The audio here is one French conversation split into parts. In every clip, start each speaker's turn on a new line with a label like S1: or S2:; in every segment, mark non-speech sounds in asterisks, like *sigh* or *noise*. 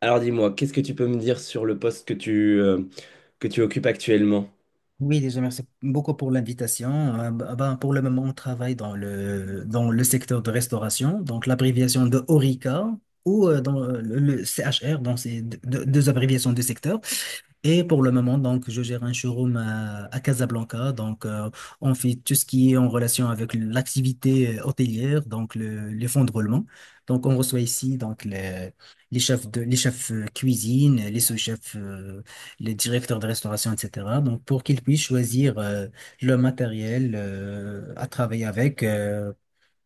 S1: Alors dis-moi, qu'est-ce que tu peux me dire sur le poste que que tu occupes actuellement?
S2: Oui, déjà, merci beaucoup pour l'invitation. Pour le moment, on travaille dans le secteur de restauration, donc l'abréviation de HORICA ou dans le CHR, donc c'est deux abréviations de secteur. Et pour le moment, donc, je gère un showroom à Casablanca. Donc, on fait tout ce qui est en relation avec l'activité hôtelière, donc les fonds de roulement. Donc, on reçoit ici donc les chefs de, les chefs cuisine, les sous-chefs, les directeurs de restauration, etc. Donc, pour qu'ils puissent choisir le matériel à travailler avec. euh,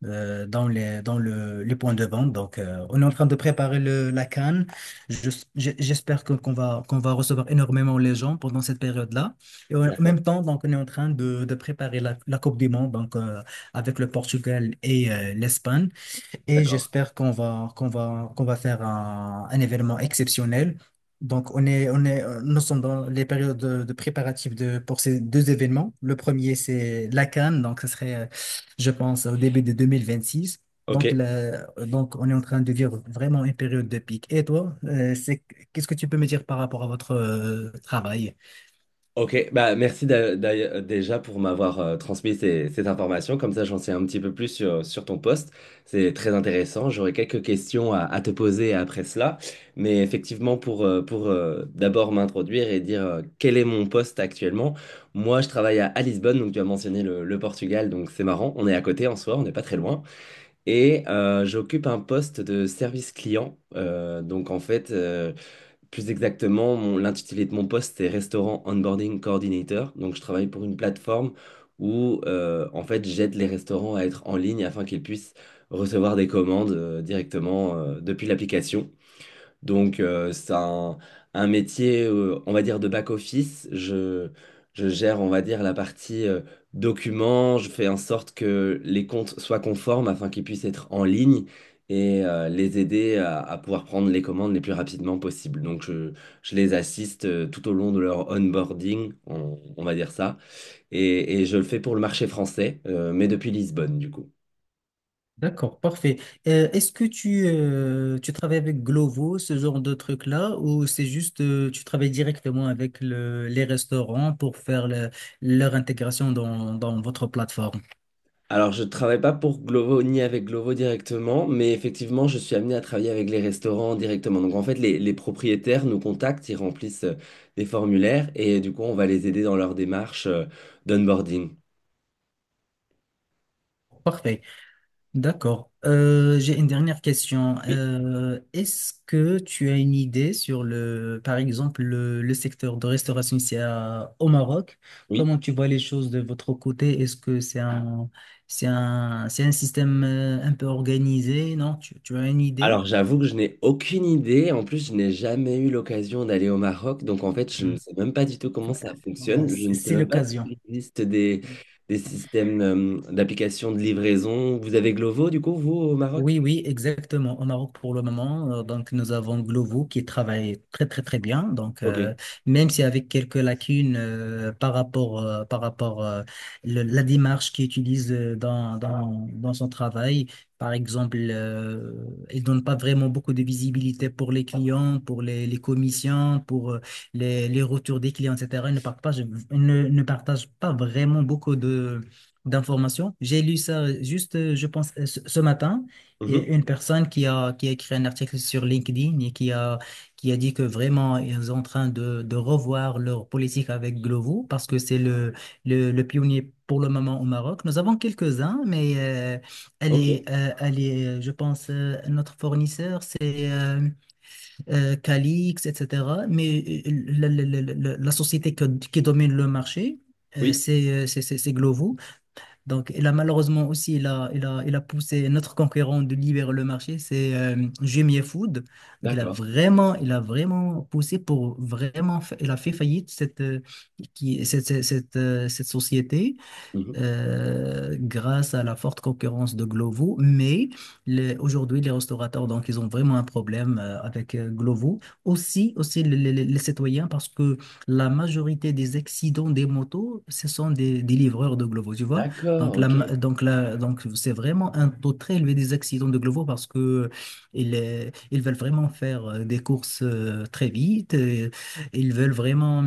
S2: euh, Dans les points de vente. Donc, on est en train de préparer la CAN. Je- J'espère qu'on va recevoir énormément les gens pendant cette période-là. Et en
S1: D'accord,
S2: même temps, donc, on est en train de préparer la Coupe du Monde donc, avec le Portugal et l'Espagne et
S1: d'accord.
S2: j'espère qu'on va faire un événement exceptionnel. Donc, nous sommes dans les périodes de préparatifs de, pour ces deux événements. Le premier, c'est la Cannes, donc ce serait, je pense, au début de 2026.
S1: Ok,
S2: Donc, on est en train de vivre vraiment une période de pic. Et toi, qu'est-ce que tu peux me dire par rapport à votre travail?
S1: ok. Bah, merci déjà pour m'avoir transmis cette information. Comme ça, j'en sais un petit peu plus sur, sur ton poste. C'est très intéressant. J'aurais quelques questions à te poser après cela. Mais effectivement, pour d'abord m'introduire et dire quel est mon poste actuellement, moi, je travaille à Lisbonne. Donc, tu as mentionné le Portugal. Donc, c'est marrant. On est à côté en soi, on n'est pas très loin. Et j'occupe un poste de service client. Donc en fait, plus exactement, l'intitulé de mon poste est Restaurant Onboarding Coordinator. Donc je travaille pour une plateforme où en fait j'aide les restaurants à être en ligne afin qu'ils puissent recevoir des commandes directement depuis l'application. Donc, c'est un métier, on va dire, de back-office. Je gère, on va dire, la partie documents. Je fais en sorte que les comptes soient conformes afin qu'ils puissent être en ligne et les aider à pouvoir prendre les commandes les plus rapidement possible. Donc, je les assiste tout au long de leur onboarding, on va dire ça. Et je le fais pour le marché français, mais depuis Lisbonne, du coup.
S2: D'accord, parfait. Est-ce que tu travailles avec Glovo, ce genre de truc-là, ou c'est juste tu travailles directement avec les restaurants pour faire leur intégration dans votre plateforme?
S1: Alors, je ne travaille pas pour Glovo ni avec Glovo directement, mais effectivement, je suis amené à travailler avec les restaurants directement. Donc, en fait, les propriétaires nous contactent, ils remplissent des formulaires et du coup, on va les aider dans leur démarche d'onboarding.
S2: Parfait. D'accord. J'ai une dernière question.
S1: Oui,
S2: Est-ce que tu as une idée sur le, par exemple, le secteur de restauration ici au Maroc?
S1: oui.
S2: Comment tu vois les choses de votre côté? Est-ce que c'est c'est un système un peu organisé? Non, tu as une idée?
S1: Alors, j'avoue que je n'ai aucune idée. En plus, je n'ai jamais eu l'occasion d'aller au Maroc. Donc, en fait, je ne
S2: Hmm.
S1: sais même pas du tout comment ça
S2: Bon, bah,
S1: fonctionne. Je ne sais
S2: c'est
S1: même pas
S2: l'occasion.
S1: s'il existe des systèmes d'application de livraison. Vous avez Glovo, du coup, vous, au Maroc?
S2: Oui, oui, exactement. Au Maroc, pour le moment, donc nous avons Glovo qui travaille très, très, très bien. Donc,
S1: Ok.
S2: même si avec quelques lacunes par rapport la démarche qu'il utilise dans son travail, par exemple, il donne pas vraiment beaucoup de visibilité pour les clients, pour les commissions, pour les retours des clients, etc. Il ne partage pas vraiment beaucoup de d'informations. J'ai lu ça juste, je pense, ce matin. Il y a
S1: Mhm.
S2: une personne qui a écrit un article sur LinkedIn qui a dit que vraiment, ils sont en train de revoir leur politique avec Glovo parce que c'est le pionnier pour le moment au Maroc. Nous avons quelques-uns, mais
S1: Ok.
S2: elle est, je pense, notre fournisseur, c'est Calix, etc. Mais la société qui domine le marché,
S1: Oui,
S2: c'est Glovo. Donc, il a malheureusement aussi, il a poussé notre concurrent de libérer le marché, c'est Jumia Food. Donc,
S1: d'accord.
S2: il a vraiment poussé pour vraiment, il a fait faillite cette, qui, cette, cette, cette, cette société
S1: Mhm.
S2: grâce à la forte concurrence de Glovo. Mais aujourd'hui, les restaurateurs, donc, ils ont vraiment un problème avec Glovo. Aussi les citoyens, parce que la majorité des accidents des motos, ce sont des livreurs de Glovo, tu vois.
S1: D'accord,
S2: Donc, la,
S1: ok.
S2: ma- donc, la, donc, c'est vraiment un taux très élevé des accidents de Glovo parce que ils veulent vraiment faire des courses très vite. Ils veulent vraiment.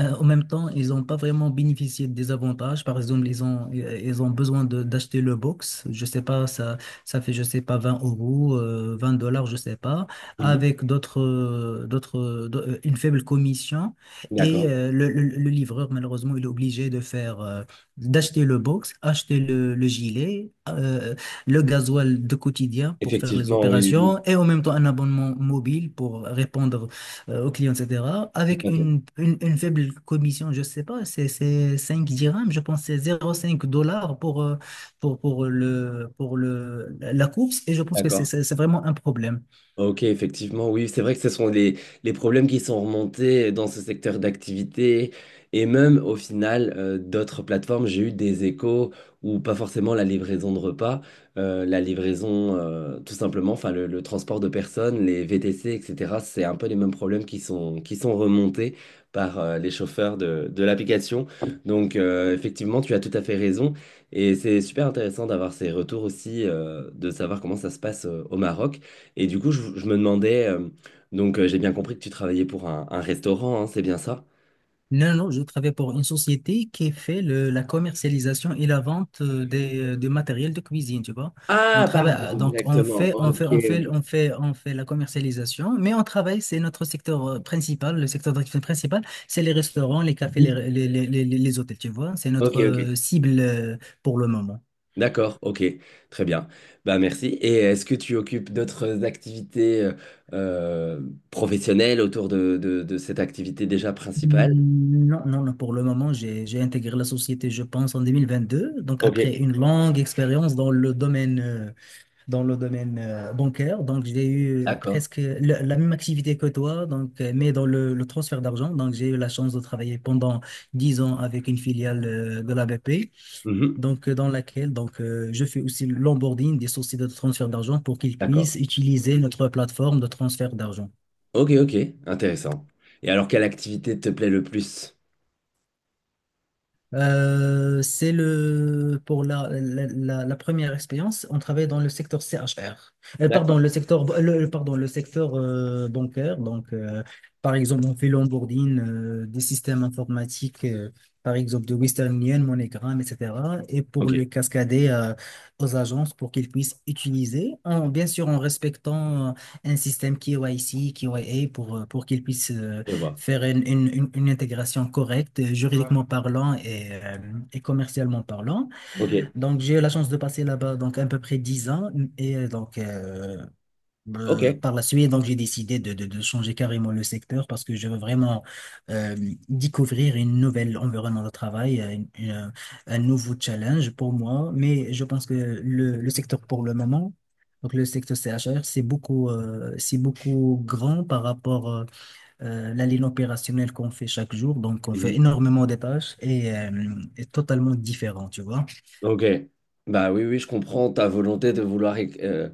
S2: En même temps, ils n'ont pas vraiment bénéficié des avantages. Par exemple, ils ont besoin d'acheter le box. Je sais pas, ça fait, je sais pas, 20 euros, 20 dollars, je sais pas,
S1: Mhm.
S2: avec d'autres, une faible commission. Et
S1: D'accord.
S2: le livreur, malheureusement, il est obligé de faire, d'acheter le box, acheter le gilet, le gasoil de quotidien pour faire les
S1: Effectivement, oui, oui,
S2: opérations et en même temps un abonnement mobile pour répondre aux clients, etc.
S1: oui, tout
S2: Avec
S1: à fait.
S2: une faible commission, je ne sais pas, c'est 5 dirhams, je pense que c'est 0,5 dollars pour, pour la course. Et je pense que
S1: D'accord.
S2: c'est vraiment un problème.
S1: Ok, effectivement, oui, c'est vrai que ce sont les problèmes qui sont remontés dans ce secteur d'activité et même au final d'autres plateformes, j'ai eu des échos où pas forcément la livraison de repas, la livraison tout simplement, enfin le transport de personnes, les VTC, etc. C'est un peu les mêmes problèmes qui sont remontés par les chauffeurs de l'application. Donc, effectivement, tu as tout à fait raison et c'est super intéressant d'avoir ces retours aussi, de savoir comment ça se passe au Maroc. Et du coup, je me demandais, j'ai bien compris que tu travaillais pour un restaurant, hein, c'est bien ça?
S2: Non, non, je travaille pour une société qui fait la commercialisation et la vente du matériel de cuisine, tu vois. On
S1: Ah,
S2: travaille,
S1: pardon,
S2: donc
S1: exactement. Ok, ok.
S2: on fait la commercialisation, mais on travaille, c'est notre secteur principal, le secteur d'activité principal, c'est les restaurants, les cafés,
S1: Oui.
S2: les hôtels, tu vois. C'est
S1: Ok,
S2: notre
S1: ok.
S2: cible pour le moment.
S1: D'accord, ok. Très bien. Bah merci. Et est-ce que tu occupes d'autres activités euh, professionnelles autour de, de cette activité déjà principale?
S2: Hmm, non, non, non, pour le moment, j'ai intégré la société, je pense, en 2022 donc
S1: Ok.
S2: après une longue expérience dans le domaine bancaire. Donc, j'ai eu
S1: D'accord.
S2: presque la même activité que toi, donc, mais dans le transfert d'argent. Donc, j'ai eu la chance de travailler pendant 10 ans avec une filiale de la BP,
S1: Mhm.
S2: donc, dans laquelle donc, je fais aussi l'onboarding des sociétés de transfert d'argent pour qu'ils
S1: D'accord.
S2: puissent utiliser notre plateforme de transfert d'argent.
S1: Ok, ok. Intéressant. Et alors, quelle activité te plaît le plus?
S2: C'est le Pour la première expérience, on travaille dans le secteur C CHR. Pardon,
S1: D'accord.
S2: le secteur le- pardon, le secteur bancaire. Donc, par exemple, on fait l'onboarding des systèmes informatiques, par exemple de Western Union, MoneyGram, etc. Et pour
S1: Ok,
S2: le cascader aux agences pour qu'ils puissent utiliser, bien sûr en respectant un système K Y C KYC, A pour qu'ils puissent
S1: je vois.
S2: faire une intégration correcte, ouais, juridiquement parlant et commercialement parlant.
S1: Ok.
S2: Donc, j'ai eu la chance de passer là-bas donc à peu près 10 ans. Et euh, donc, euh,
S1: Ok.
S2: Par la suite, donc, j'ai décidé de changer carrément le secteur parce que je veux vraiment euh, découvrir une nouvelle environnement de travail, un nouveau challenge pour moi. Mais je pense que le secteur pour le moment, donc le secteur CHR c'est beaucoup grand par rapport la ligne opérationnelle qu'on fait chaque jour. Donc, on fait
S1: Mhm.
S2: énormément de tâches et est totalement différent, tu vois.
S1: Ok, bah oui, oui, je comprends ta volonté de vouloir euh,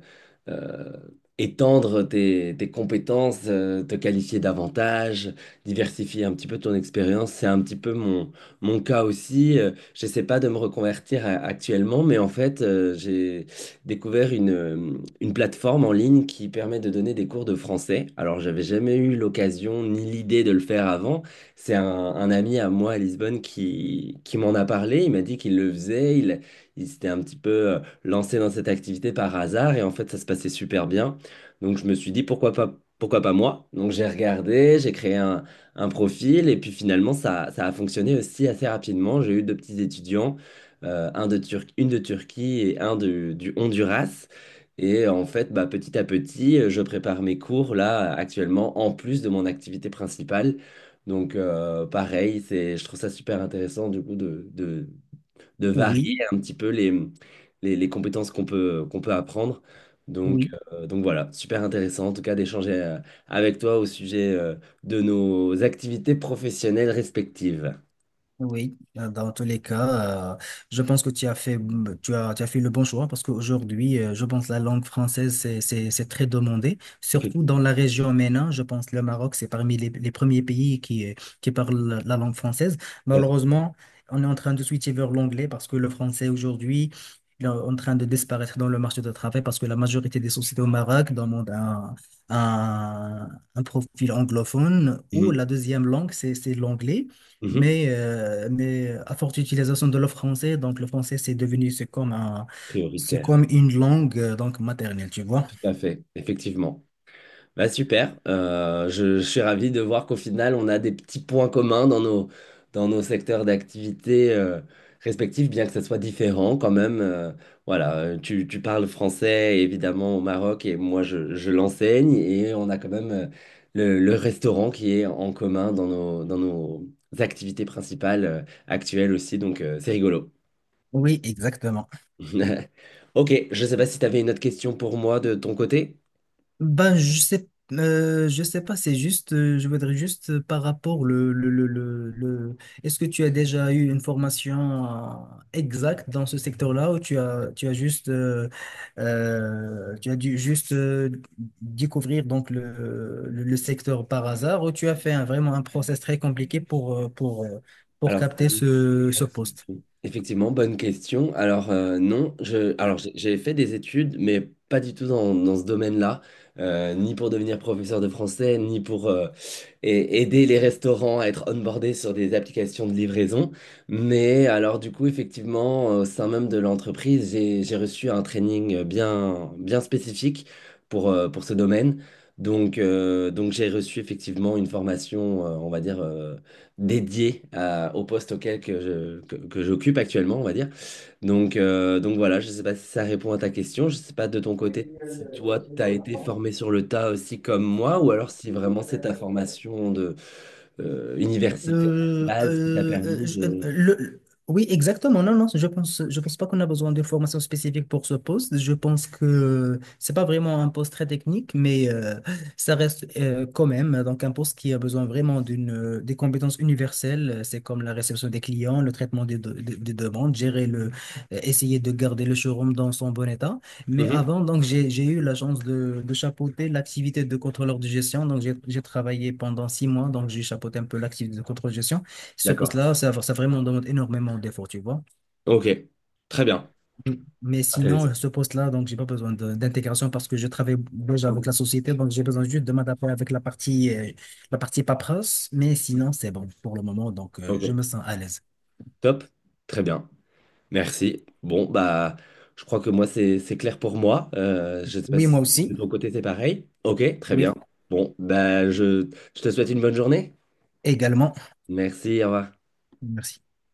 S1: euh, étendre tes, tes compétences, te qualifier davantage, diversifier un petit peu ton expérience. C'est un petit peu mon, mon cas aussi. J'essaie pas de me reconvertir actuellement, mais en fait, j'ai découvert une plateforme en ligne qui permet de donner des cours de français. Alors, j'avais jamais eu l'occasion ni l'idée de le faire avant. C'est un ami à moi à Lisbonne qui m'en a parlé. Il m'a dit qu'il le faisait ils s'étaient un petit peu lancés dans cette activité par hasard et en fait ça se passait super bien. Donc je me suis dit pourquoi pas moi? Donc j'ai regardé, j'ai créé un profil et puis finalement ça, ça a fonctionné aussi assez rapidement. J'ai eu deux petits étudiants, un de une de Turquie et un du Honduras. Et en fait, bah, petit à petit, je prépare mes cours là actuellement en plus de mon activité principale. Donc pareil, c'est, je trouve ça super intéressant du coup de varier
S2: Oui,
S1: un petit peu les compétences qu'on peut apprendre. Donc,
S2: oui.
S1: euh, donc voilà, super intéressant en tout cas d'échanger avec toi au sujet de nos activités professionnelles respectives.
S2: Oui, dans tous les cas, je pense que tu as fait le bon choix parce qu'aujourd'hui, je pense la langue française, c'est très demandé, surtout dans
S1: Effectivement.
S2: la région MENA. Je pense le Maroc, c'est parmi les premiers pays qui parlent la langue française.
S1: Tout à fait.
S2: Malheureusement, on est en train de switcher vers l'anglais parce que le français aujourd'hui, il est en train de disparaître dans le marché du travail parce que la majorité des sociétés au Maroc demandent un, un profil anglophone ou
S1: Mhm.
S2: la deuxième langue, c'est l'anglais.
S1: Mhm.
S2: Mais à forte utilisation de le français, donc le français c'est devenu c'est comme c'est
S1: Prioritaire.
S2: comme une langue donc maternelle, tu vois.
S1: Tout à fait, effectivement. Bah super, je suis ravi de voir qu'au final, on a des petits points communs dans nos secteurs d'activité respectifs, bien que ça soit différent quand même. Voilà, tu, tu parles français évidemment au Maroc et moi je l'enseigne et on a quand même le restaurant qui est en commun dans nos activités principales actuelles aussi, donc c'est rigolo.
S2: Oui, exactement.
S1: *laughs* Ok, je ne sais pas si tu avais une autre question pour moi de ton côté.
S2: Ben, je sais pas, c'est juste, je voudrais juste par rapport Est-ce que tu as déjà eu une formation exacte dans ce secteur-là ou tu as juste, tu as dû juste découvrir donc le secteur par hasard ou tu as fait vraiment un process très compliqué pour, pour
S1: Alors,
S2: capter ce
S1: Bonne
S2: poste?
S1: question. Effectivement, bonne question. Alors, non, je, alors j'ai fait des études, mais pas du tout dans, dans ce domaine-là, ni pour devenir professeur de français, ni pour aider les restaurants à être onboardés sur des applications de livraison. Mais alors, du coup, effectivement, au sein même de l'entreprise, j'ai reçu un training bien, bien spécifique pour ce domaine. Donc, donc j'ai reçu effectivement une formation, on va dire, dédié au poste auquel que je, que j'occupe actuellement, on va dire. Donc, donc voilà, je ne sais pas si ça répond à ta question. Je ne sais pas de ton côté si toi, tu as été formé sur le tas aussi comme moi, ou alors si vraiment c'est ta formation de, universitaire de
S2: Euh,
S1: base qui t'a
S2: euh, euh,
S1: permis
S2: je- euh,
S1: de...
S2: le, le- oui, exactement. Non, non, je pense pas qu'on a besoin de formation spécifique pour ce poste. Je pense que c'est pas vraiment un poste très technique, mais ça reste quand même donc un poste qui a besoin vraiment d'une des compétences universelles. C'est comme la réception des clients, le traitement des demandes, gérer essayer de garder le showroom dans son bon état. Mais
S1: Mhm.
S2: avant, donc, j'ai eu la chance de chapeauter l'activité de contrôleur de gestion. Donc, j'ai travaillé pendant 6 mois. Donc, j'ai chapeauté un peu l'activité de contrôleur de gestion. Ce
S1: D'accord.
S2: poste-là, ça vraiment demande énormément d'efforts, tu vois.
S1: Ok. Très bien.
S2: Mm. Mais sinon,
S1: Intéressant.
S2: ce poste-là, donc, j'ai pas besoin d'intégration parce que je travaille déjà avec la société. Donc, j'ai besoin juste de m'adapter avec la partie paperasse. Mais sinon, c'est bon pour le moment. Donc, je me
S1: Ok.
S2: sens à l'aise.
S1: Top. Très bien. Merci. Bon, bah, je crois que moi, c'est clair pour moi. Je ne sais pas
S2: Oui,
S1: si
S2: moi aussi.
S1: de ton côté, c'est pareil. Ok, très
S2: Oui,
S1: bien. Bon, bah, je te souhaite une bonne journée.
S2: également.
S1: Merci, au revoir.
S2: Merci.